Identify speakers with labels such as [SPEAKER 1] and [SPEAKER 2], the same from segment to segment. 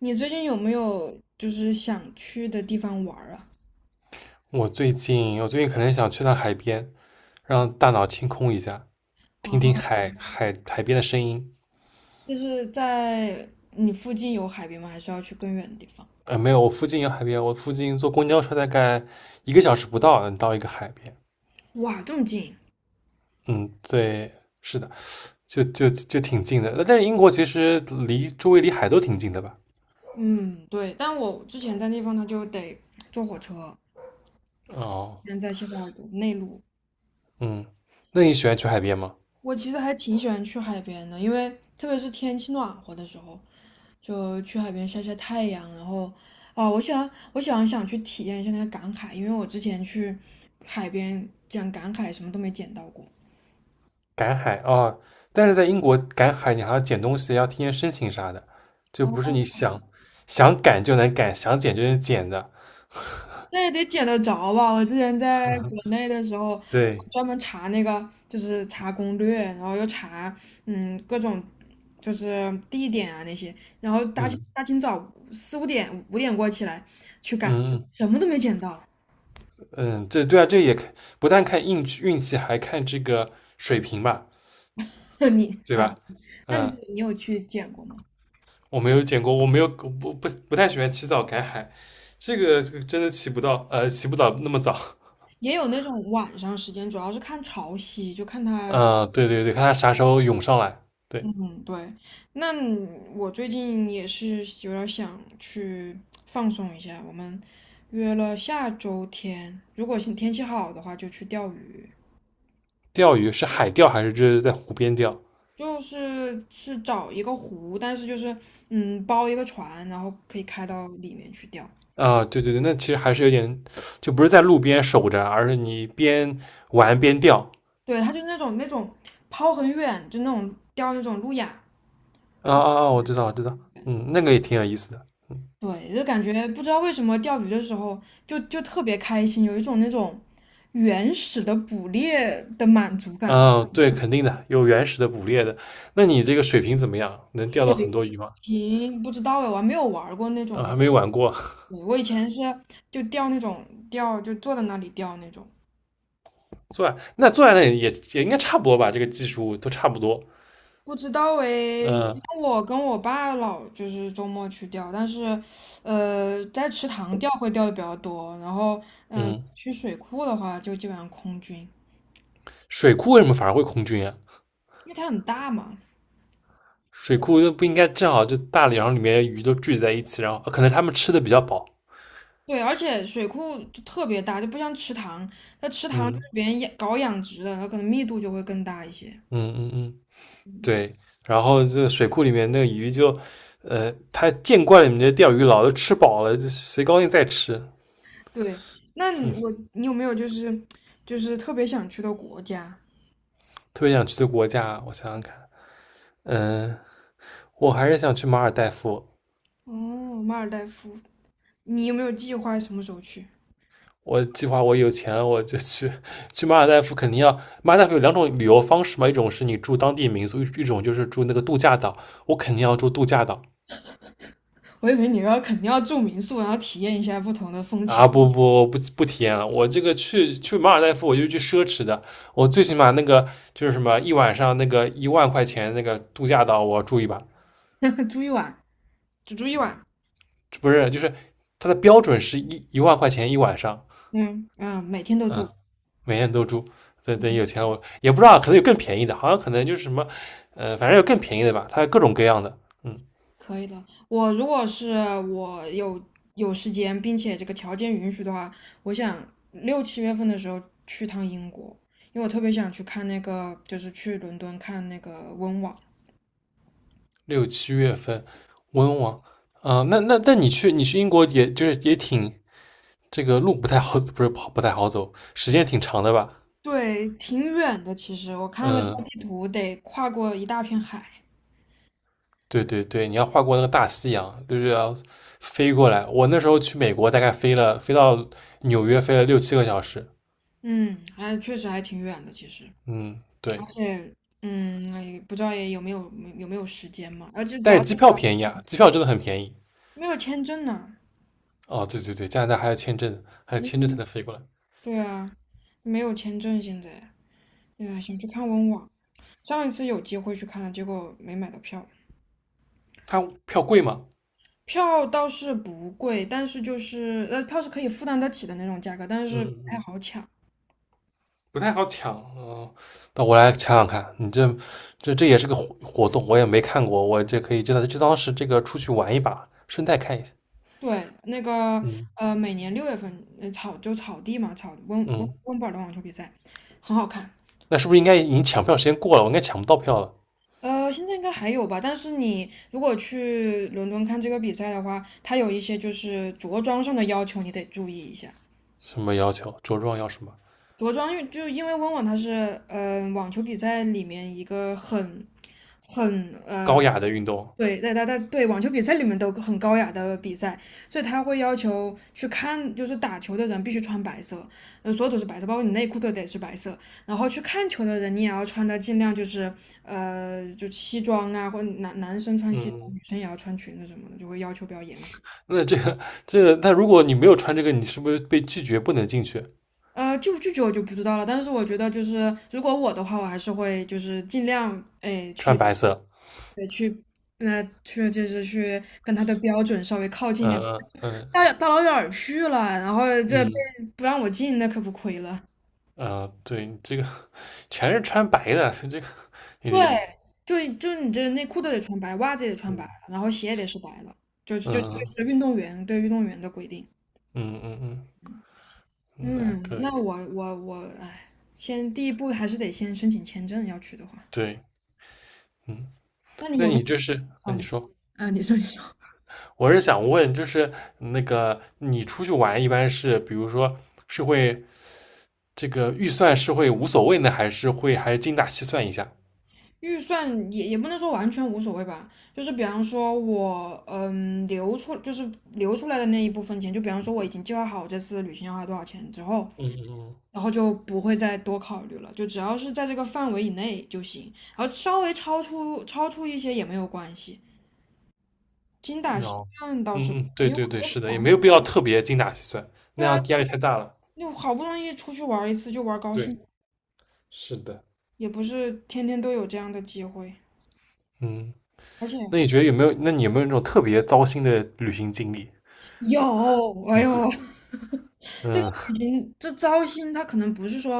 [SPEAKER 1] 你最近有没有就是想去的地方玩儿啊？
[SPEAKER 2] 我最近可能想去趟海边，让大脑清空一下，听听
[SPEAKER 1] 哦，
[SPEAKER 2] 海边的声音。
[SPEAKER 1] 就是在你附近有海边吗？还是要去更远的地方？
[SPEAKER 2] 没有，我附近有海边，我附近坐公交车大概1个小时不到能到一个海边。
[SPEAKER 1] 哇，这么近？
[SPEAKER 2] 嗯，对，是的，就就就挺近的。但是英国其实离周围离海都挺近的吧？
[SPEAKER 1] 嗯，对。但我之前在那地方，他就得坐火车，
[SPEAKER 2] 哦，
[SPEAKER 1] 现在谢菲尔德内陆。
[SPEAKER 2] 嗯，那你喜欢去海边吗？
[SPEAKER 1] 我其实还挺喜欢去海边的，因为特别是天气暖和的时候，就去海边晒晒太阳。然后，哦，我喜欢想去体验一下那个赶海，因为我之前去海边讲赶海什么都没捡到过。
[SPEAKER 2] 赶海哦，但是在英国赶海，你还要捡东西，要提前申请啥的，就不是
[SPEAKER 1] 哦。
[SPEAKER 2] 你想赶就能赶，想捡就能捡的。
[SPEAKER 1] 那也得捡得着吧？我之前在国内的时候，我
[SPEAKER 2] 对，
[SPEAKER 1] 专门查那个，就是查攻略，然后又查，各种就是地点啊那些，然后大清
[SPEAKER 2] 嗯
[SPEAKER 1] 大清早四五点五点过起来去赶，
[SPEAKER 2] 嗯
[SPEAKER 1] 什么都没捡到。
[SPEAKER 2] 嗯，这对啊，这也不但看运气，还看这个水平吧，
[SPEAKER 1] 那你
[SPEAKER 2] 对
[SPEAKER 1] 啊，
[SPEAKER 2] 吧？
[SPEAKER 1] 那你
[SPEAKER 2] 嗯，
[SPEAKER 1] 你有去捡过吗？
[SPEAKER 2] 我没有见过，我没有不太喜欢起早赶海，这个真的起不到那么早。
[SPEAKER 1] 也有那种晚上时间，主要是看潮汐，就看它。
[SPEAKER 2] 嗯，对对对，看他啥时候涌上来。对，
[SPEAKER 1] 嗯，对，那你我最近也是有点儿想去放松一下。我们约了下周天，如果是天气好的话，就去钓鱼。
[SPEAKER 2] 钓鱼是海钓还是就是在湖边钓？
[SPEAKER 1] 就是找一个湖，但是就是包一个船，然后可以开到里面去钓。
[SPEAKER 2] 啊，对对对，那其实还是有点，就不是在路边守着，而是你边玩边钓。
[SPEAKER 1] 对，它就是那种抛很远，就那种钓那种路亚。
[SPEAKER 2] 啊啊啊，我知道我知道，嗯，那个也挺有意思的。嗯。
[SPEAKER 1] 对，就感觉不知道为什么钓鱼的时候就特别开心，有一种那种原始的捕猎的满足感吧。
[SPEAKER 2] 啊，对，肯定的，有原始的捕猎的。那你这个水平怎么样？能钓到很多鱼吗？
[SPEAKER 1] 平不知道哎，我还没有玩儿过那种
[SPEAKER 2] 啊，
[SPEAKER 1] 龙
[SPEAKER 2] 还没
[SPEAKER 1] 猫。
[SPEAKER 2] 玩过。
[SPEAKER 1] 对，我以前是就钓那种钓，就坐在那里钓那种。
[SPEAKER 2] 坐那坐在那里也应该差不多吧，这个技术都差不多。
[SPEAKER 1] 不知道哎，以前
[SPEAKER 2] 嗯
[SPEAKER 1] 我跟我爸老就是周末去钓，但是，在池塘钓会钓的比较多，然后，嗯、
[SPEAKER 2] 嗯，
[SPEAKER 1] 去水库的话就基本上空军，
[SPEAKER 2] 水库为什么反而会空军啊？
[SPEAKER 1] 因为它很大嘛。
[SPEAKER 2] 水库又不应该正好就大梁里面鱼都聚集在一起，然后可能他们吃的比较饱。
[SPEAKER 1] 对，而且水库就特别大，就不像池塘，那池塘就
[SPEAKER 2] 嗯
[SPEAKER 1] 是别人养搞养殖的，它可能密度就会更大一些。
[SPEAKER 2] 嗯嗯嗯，对。然后这水库里面那个鱼就，他见惯了你们这钓鱼佬，都吃饱了，就谁高兴再吃。
[SPEAKER 1] 对，那你我你有没有就是就是特别想去的国家？
[SPEAKER 2] 特别想去的国家，我想想看，嗯、我还是想去马尔代夫。
[SPEAKER 1] 哦，马尔代夫，你有没有计划什么时候去？
[SPEAKER 2] 我计划我有钱我就去马尔代夫，肯定要马尔代夫有2种旅游方式嘛，一种是你住当地民宿，一种就是住那个度假岛。我肯定要住度假岛
[SPEAKER 1] 我以为你要肯定要住民宿，然后体验一下不同的风情，
[SPEAKER 2] 啊！不体验了，我这个去马尔代夫我就去奢侈的，我最起码那个就是什么一晚上那个一万块钱那个度假岛我住一把，
[SPEAKER 1] 住一晚，只住一晚。
[SPEAKER 2] 不是就是它的标准是一万块钱一晚上，
[SPEAKER 1] 嗯嗯，每天都住，
[SPEAKER 2] 啊，每天都住。等等有钱了，我也不知道，可能有更便宜的，好像可能就是什么，反正有更便宜的吧，它各种各样的。嗯，
[SPEAKER 1] 可以的。我如果是我有有时间，并且这个条件允许的话，我想六七月份的时候去趟英国，因为我特别想去看那个，就是去伦敦看那个温网。
[SPEAKER 2] 6、7月份温网啊、那你去英国也也就是也挺这个路不太好，不是跑不太好走，时间挺长的吧？
[SPEAKER 1] 对，挺远的。其实我看了一下
[SPEAKER 2] 嗯，
[SPEAKER 1] 地图，得跨过一大片海。
[SPEAKER 2] 对对对，你要跨过那个大西洋，就是要飞过来。我那时候去美国大概飞到纽约飞了6、7个小时。
[SPEAKER 1] 嗯，还确实还挺远的。其实，
[SPEAKER 2] 嗯，
[SPEAKER 1] 而
[SPEAKER 2] 对，
[SPEAKER 1] 且，嗯，哎不知道也有没有有没有时间嘛？而且主
[SPEAKER 2] 但是
[SPEAKER 1] 要
[SPEAKER 2] 机票便宜啊，机票真的很便宜。
[SPEAKER 1] 没有签证呢。
[SPEAKER 2] 哦，对对对，加拿大还要签证，还要签证
[SPEAKER 1] 嗯，
[SPEAKER 2] 才能飞过来。
[SPEAKER 1] 对啊，没有签证现在。哎，想去看温网，上一次有机会去看了，结果没买到票。
[SPEAKER 2] 它票贵吗？
[SPEAKER 1] 票倒是不贵，但是就是票是可以负担得起的那种价格，但是
[SPEAKER 2] 嗯
[SPEAKER 1] 不
[SPEAKER 2] 嗯
[SPEAKER 1] 太
[SPEAKER 2] 嗯
[SPEAKER 1] 好抢。
[SPEAKER 2] 不太好抢。嗯，那我来抢抢看。你这也是个活动，我也没看过，我这可以就当是这个出去玩一把，顺带看一下。
[SPEAKER 1] 对，那个
[SPEAKER 2] 嗯，
[SPEAKER 1] 每年六月份草就草地嘛，草
[SPEAKER 2] 嗯，
[SPEAKER 1] 温布尔的网球比赛很好看。
[SPEAKER 2] 那是不是应该已经抢票时间过了？我应该抢不到票了。
[SPEAKER 1] 现在应该还有吧，但是你如果去伦敦看这个比赛的话，它有一些就是着装上的要求，你得注意一下。
[SPEAKER 2] 什么要求？着装要什么？
[SPEAKER 1] 着装因为就因为温网它是网球比赛里面一个很很
[SPEAKER 2] 高
[SPEAKER 1] 呃
[SPEAKER 2] 雅的运动。
[SPEAKER 1] 对，对，他他对网球比赛里面都很高雅的比赛，所以他会要求去看，就是打球的人必须穿白色，所有都是白色，包括你内裤都得是白色。然后去看球的人，你也要穿的尽量就是就西装啊，或者男男生穿西装，女
[SPEAKER 2] 嗯，
[SPEAKER 1] 生也要穿裙子什么的，就会要求比较严格。
[SPEAKER 2] 那那如果你没有穿这个，你是不是被拒绝不能进去？
[SPEAKER 1] 拒不拒绝我就不知道了，但是我觉得就是如果我的话，我还是会就是尽量哎
[SPEAKER 2] 穿
[SPEAKER 1] 去
[SPEAKER 2] 白色。
[SPEAKER 1] 对去，那、去就是去跟他的标准稍微靠近一点。
[SPEAKER 2] 嗯嗯
[SPEAKER 1] 大
[SPEAKER 2] 嗯。
[SPEAKER 1] 老大老远儿去了，然后这被
[SPEAKER 2] 嗯
[SPEAKER 1] 不让我进，那可不亏了。
[SPEAKER 2] 啊、对，这个全是穿白的，所以这个有点意
[SPEAKER 1] 对，
[SPEAKER 2] 思。
[SPEAKER 1] 就就你这内裤都得穿白，袜子也得穿白
[SPEAKER 2] 嗯
[SPEAKER 1] 了然后鞋也得是白的，就就就
[SPEAKER 2] 嗯
[SPEAKER 1] 是运动员对运动员的规定。
[SPEAKER 2] 嗯嗯嗯，嗯，那
[SPEAKER 1] 嗯，
[SPEAKER 2] 可
[SPEAKER 1] 那
[SPEAKER 2] 以。
[SPEAKER 1] 我，哎，先第一步还是得先申请签证，要去的话。
[SPEAKER 2] 对，嗯，
[SPEAKER 1] 那你
[SPEAKER 2] 那
[SPEAKER 1] 有没
[SPEAKER 2] 你
[SPEAKER 1] 有？
[SPEAKER 2] 就是，那
[SPEAKER 1] 啊
[SPEAKER 2] 你
[SPEAKER 1] 你
[SPEAKER 2] 说，
[SPEAKER 1] 啊，你说，
[SPEAKER 2] 我是想问，就是那个你出去玩一般是，比如说是会这个预算是会无所谓呢，还是会还是精打细算一下？
[SPEAKER 1] 预算也也不能说完全无所谓吧，就是比方说我留出就是留出来的那一部分钱，就比方说我已经计划好这次旅行要花多少钱之后，
[SPEAKER 2] 嗯嗯
[SPEAKER 1] 然后就不会再多考虑了，就只要是在这个范围以内就行，然后稍微超出一些也没有关系。精打
[SPEAKER 2] 嗯，
[SPEAKER 1] 细
[SPEAKER 2] 哦，
[SPEAKER 1] 算倒是不
[SPEAKER 2] 嗯嗯，
[SPEAKER 1] 会，
[SPEAKER 2] 对
[SPEAKER 1] 因为
[SPEAKER 2] 对
[SPEAKER 1] 我
[SPEAKER 2] 对，
[SPEAKER 1] 觉得
[SPEAKER 2] 是的，也
[SPEAKER 1] 烦
[SPEAKER 2] 没有
[SPEAKER 1] 就
[SPEAKER 2] 必要特别精打细算，
[SPEAKER 1] 对
[SPEAKER 2] 那
[SPEAKER 1] 啊，
[SPEAKER 2] 样压力太大了。
[SPEAKER 1] 你好不容易出去玩一次就玩高
[SPEAKER 2] 对，
[SPEAKER 1] 兴，
[SPEAKER 2] 是的，
[SPEAKER 1] 也不是天天都有这样的机会。
[SPEAKER 2] 嗯。
[SPEAKER 1] 而且
[SPEAKER 2] 那你觉得有没有？那你有没有那种特别糟心的旅行经历？
[SPEAKER 1] 有，哎呦，这个
[SPEAKER 2] 嗯
[SPEAKER 1] 旅行这糟心，它可能不是说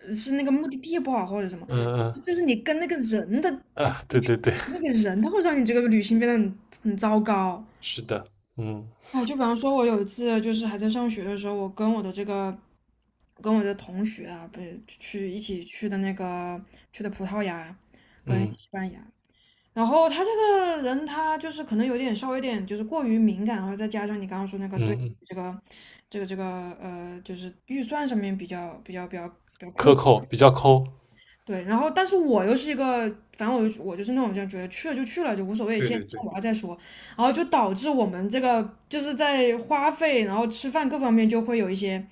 [SPEAKER 1] 是那个目的地不好或者什么，
[SPEAKER 2] 嗯
[SPEAKER 1] 就是你跟那个人的，
[SPEAKER 2] 嗯
[SPEAKER 1] 就
[SPEAKER 2] 啊，
[SPEAKER 1] 你
[SPEAKER 2] 对对对，
[SPEAKER 1] 那个人，他会让你这个旅行变得很糟糕。
[SPEAKER 2] 是的，嗯
[SPEAKER 1] 哎，就比方说，我有一次就是还在上学的时候，我跟我的这个跟我的同学啊，不是去一起去的那个去的葡萄牙跟
[SPEAKER 2] 嗯
[SPEAKER 1] 西班牙。然后他这个人，他就是可能有点稍微有点就是过于敏感，然后再加上你刚刚说那个
[SPEAKER 2] 嗯
[SPEAKER 1] 对
[SPEAKER 2] 嗯，
[SPEAKER 1] 这个这个就是预算上面比较
[SPEAKER 2] 克
[SPEAKER 1] 苛。
[SPEAKER 2] 扣比较抠，
[SPEAKER 1] 对，然后但是我又是一个，反正我就我就是那种就觉得去了就去了，就无所谓，
[SPEAKER 2] 对
[SPEAKER 1] 先
[SPEAKER 2] 对
[SPEAKER 1] 先
[SPEAKER 2] 对，
[SPEAKER 1] 玩了再说，然后就导致我们这个就是在花费，然后吃饭各方面就会有一些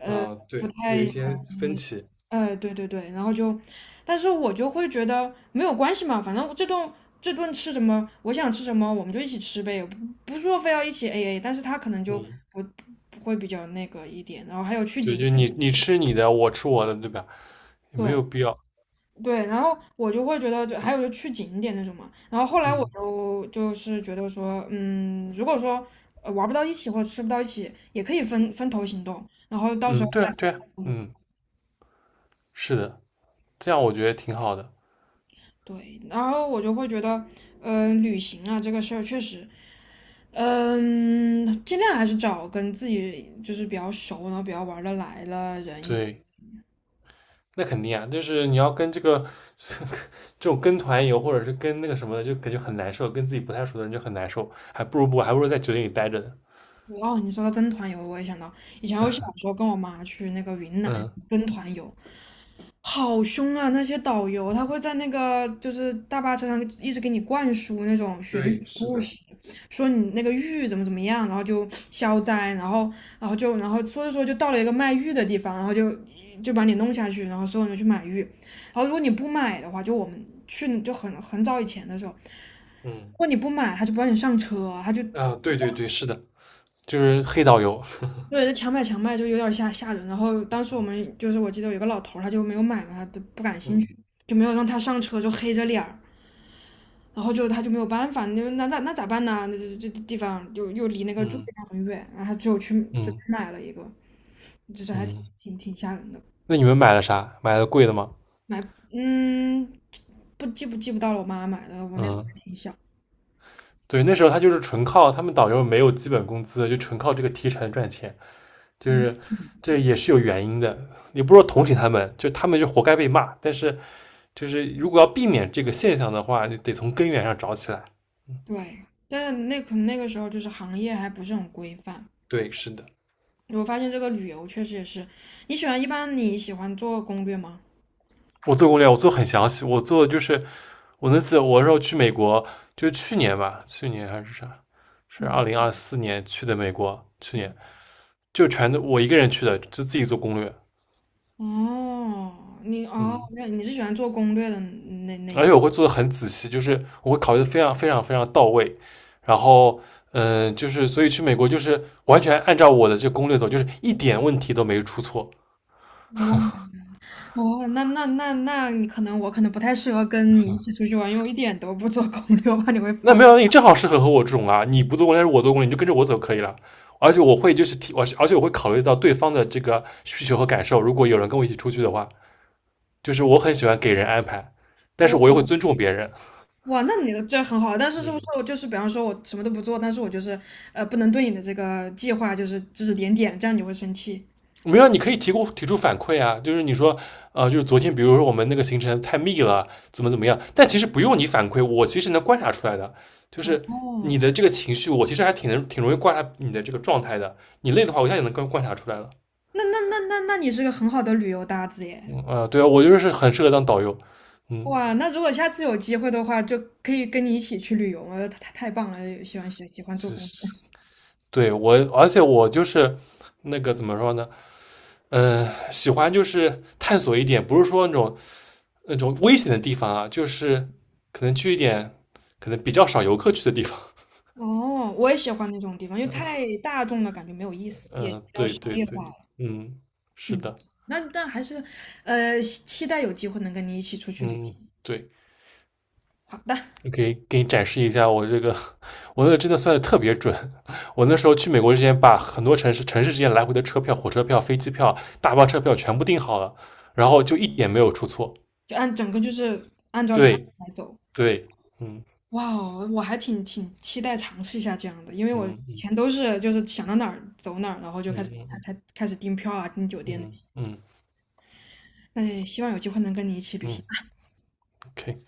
[SPEAKER 2] 啊、
[SPEAKER 1] 不
[SPEAKER 2] 对，有一
[SPEAKER 1] 太，
[SPEAKER 2] 些分歧，
[SPEAKER 1] 对对对，然后就，但是我就会觉得没有关系嘛，反正这顿吃什么，我想吃什么我们就一起吃呗，不不是说非要一起 AA,但是他可能就
[SPEAKER 2] 嗯，
[SPEAKER 1] 不不会比较那个一点，然后还有去
[SPEAKER 2] 对，
[SPEAKER 1] 景，
[SPEAKER 2] 就你吃你的，我吃我的，对吧？也没
[SPEAKER 1] 对，
[SPEAKER 2] 有必要，
[SPEAKER 1] 对，然后我就会觉得就，还有就去景点那种嘛。然后后来我
[SPEAKER 2] 嗯
[SPEAKER 1] 是觉得说，嗯，如果说玩不到一起或者吃不到一起，也可以分分头行动，然后到
[SPEAKER 2] 嗯，
[SPEAKER 1] 时候
[SPEAKER 2] 对
[SPEAKER 1] 再
[SPEAKER 2] 啊对啊，
[SPEAKER 1] 就可以
[SPEAKER 2] 嗯，是的，这样我觉得挺好的，
[SPEAKER 1] 对。然后我就会觉得，嗯、旅行啊这个事儿确实，嗯、尽量还是找跟自己就是比较熟，然后比较玩得来的人一起。
[SPEAKER 2] 对，那肯定啊，就是你要跟这个 这种跟团游，或者是跟那个什么的，就感觉很难受，跟自己不太熟的人就很难受，还不如不，还不如在酒店里待着呢。
[SPEAKER 1] 哦，你说到跟团游，我也想到以前我小时候跟我妈去那个云南
[SPEAKER 2] 嗯
[SPEAKER 1] 跟团游，好凶啊！那些导游他会在那个就是大巴车上一直给你灌输那种玄学
[SPEAKER 2] 对，是
[SPEAKER 1] 故
[SPEAKER 2] 的，
[SPEAKER 1] 事，说你那个玉怎么怎么样，然后就消灾，然后然后就然后说着说着就到了一个卖玉的地方，然后就就把你弄下去，然后所有人就去买玉，然后如果你不买的话，就我们去就很早以前的时候，如
[SPEAKER 2] 嗯
[SPEAKER 1] 果你不买，他就不让你上车，他就
[SPEAKER 2] 啊，对对对，是的，就是黑导游。
[SPEAKER 1] 对，这强买强卖就有点吓人。然后当时我们就是我记得有一个老头儿，他就没有买嘛，他就不感兴
[SPEAKER 2] 嗯
[SPEAKER 1] 趣，就没有让他上车，就黑着脸儿。然后就他就没有办法，那咋办呢？那这这地方又又离那个住的
[SPEAKER 2] 嗯
[SPEAKER 1] 地方很远，然后他只有去随
[SPEAKER 2] 嗯
[SPEAKER 1] 便买了一个，就是还挺
[SPEAKER 2] 嗯，
[SPEAKER 1] 挺挺吓人的。
[SPEAKER 2] 那你们买了啥？买了贵的吗？
[SPEAKER 1] 买嗯，不到了，我妈买的，我那时候
[SPEAKER 2] 嗯，
[SPEAKER 1] 还挺小。
[SPEAKER 2] 对，那时候他就是纯靠他们导游没有基本工资，就纯靠这个提成赚钱，就是这也是有原因的，你不是说同情他们，就他们就活该被骂，但是就是如果要避免这个现象的话，你得从根源上找起来。
[SPEAKER 1] 对，但是那可能那个时候就是行业还不是很规范。
[SPEAKER 2] 对，是的，
[SPEAKER 1] 我发现这个旅游确实也是，你喜欢一般你喜欢做攻略吗？
[SPEAKER 2] 我做攻略，我做很详细，我做就是我那次我说去美国，就是去年吧，去年还是啥，是二
[SPEAKER 1] 嗯，
[SPEAKER 2] 零二四年去的美国，去年就全都我一个人去的，就自己做攻略，
[SPEAKER 1] 哦，你哦，
[SPEAKER 2] 嗯，
[SPEAKER 1] 原来你是喜欢做攻略的那那
[SPEAKER 2] 而
[SPEAKER 1] 一。
[SPEAKER 2] 且我会做的很仔细，就是我会考虑的非常非常非常到位，然后嗯、就是所以去美国就是完全按照我的这攻略走，就是一点问题都没出错，
[SPEAKER 1] 哦，那你可能我可能不太适合跟你一起出去玩，因为我一点都不做攻略，我怕你会
[SPEAKER 2] 那
[SPEAKER 1] 烦。
[SPEAKER 2] 没有，那你正好适合和我这种啊，你不做攻略，我做攻略，你就跟着我走可以了。而且我会就是提，我而且我会考虑到对方的这个需求和感受。如果有人跟我一起出去的话，就是我很喜欢给人安排，但是
[SPEAKER 1] 我
[SPEAKER 2] 我又会尊重别人。
[SPEAKER 1] 哇，那你的这很好，但是是
[SPEAKER 2] 嗯
[SPEAKER 1] 不是我就是比方说我什么都不做，但是我就是不能对你的这个计划就是指指点点，这样你会生气。
[SPEAKER 2] 没有，你可以提出反馈啊，就是你说，就是昨天，比如说我们那个行程太密了，怎么怎么样，但其实不用你反馈，我其实能观察出来的，就是你
[SPEAKER 1] 哦，
[SPEAKER 2] 的这个情绪，我其实还挺能挺容易观察你的这个状态的。你累的话，我一下也能观察出来了。
[SPEAKER 1] 那你是个很好的旅游搭子耶。
[SPEAKER 2] 啊，对啊，我就是很适合当导游，嗯，
[SPEAKER 1] 哇，那如果下次有机会的话，就可以跟你一起去旅游了，太棒了，喜欢喜欢做
[SPEAKER 2] 是，
[SPEAKER 1] 攻
[SPEAKER 2] 是
[SPEAKER 1] 略。
[SPEAKER 2] 对我，而且我就是那个怎么说呢，嗯、喜欢就是探索一点，不是说那种危险的地方啊，就是可能去一点可能比较少游客去的地方，
[SPEAKER 1] 哦，我也喜欢那种地方，因为太大众了，感觉没有意思，也比
[SPEAKER 2] 嗯，
[SPEAKER 1] 较
[SPEAKER 2] 对
[SPEAKER 1] 商
[SPEAKER 2] 对
[SPEAKER 1] 业
[SPEAKER 2] 对，
[SPEAKER 1] 化。
[SPEAKER 2] 嗯，是
[SPEAKER 1] 嗯，
[SPEAKER 2] 的，
[SPEAKER 1] 那但还是，期待有机会能跟你一起出去旅
[SPEAKER 2] 嗯，
[SPEAKER 1] 行。
[SPEAKER 2] 对。
[SPEAKER 1] 好的，
[SPEAKER 2] 你可以给你展示一下我这个，我那个真的算的特别准。我那时候去美国之前，把很多城市之间来回的车票、火车票、飞机票、大巴车票全部订好了，然后就一点没有出错。
[SPEAKER 1] 就按整个就是按照流程
[SPEAKER 2] 对
[SPEAKER 1] 来走。
[SPEAKER 2] 对，嗯
[SPEAKER 1] 哇哦，我还挺期待尝试一下这样的，因为我以前
[SPEAKER 2] 嗯
[SPEAKER 1] 都是就是想到哪儿走哪儿，然后就
[SPEAKER 2] 嗯
[SPEAKER 1] 开始
[SPEAKER 2] 嗯
[SPEAKER 1] 才
[SPEAKER 2] 嗯
[SPEAKER 1] 才开始订票啊、订酒
[SPEAKER 2] 嗯
[SPEAKER 1] 店那
[SPEAKER 2] 嗯
[SPEAKER 1] 些。
[SPEAKER 2] 嗯
[SPEAKER 1] 那也希望有机会能跟你一起旅行。
[SPEAKER 2] 嗯，OK。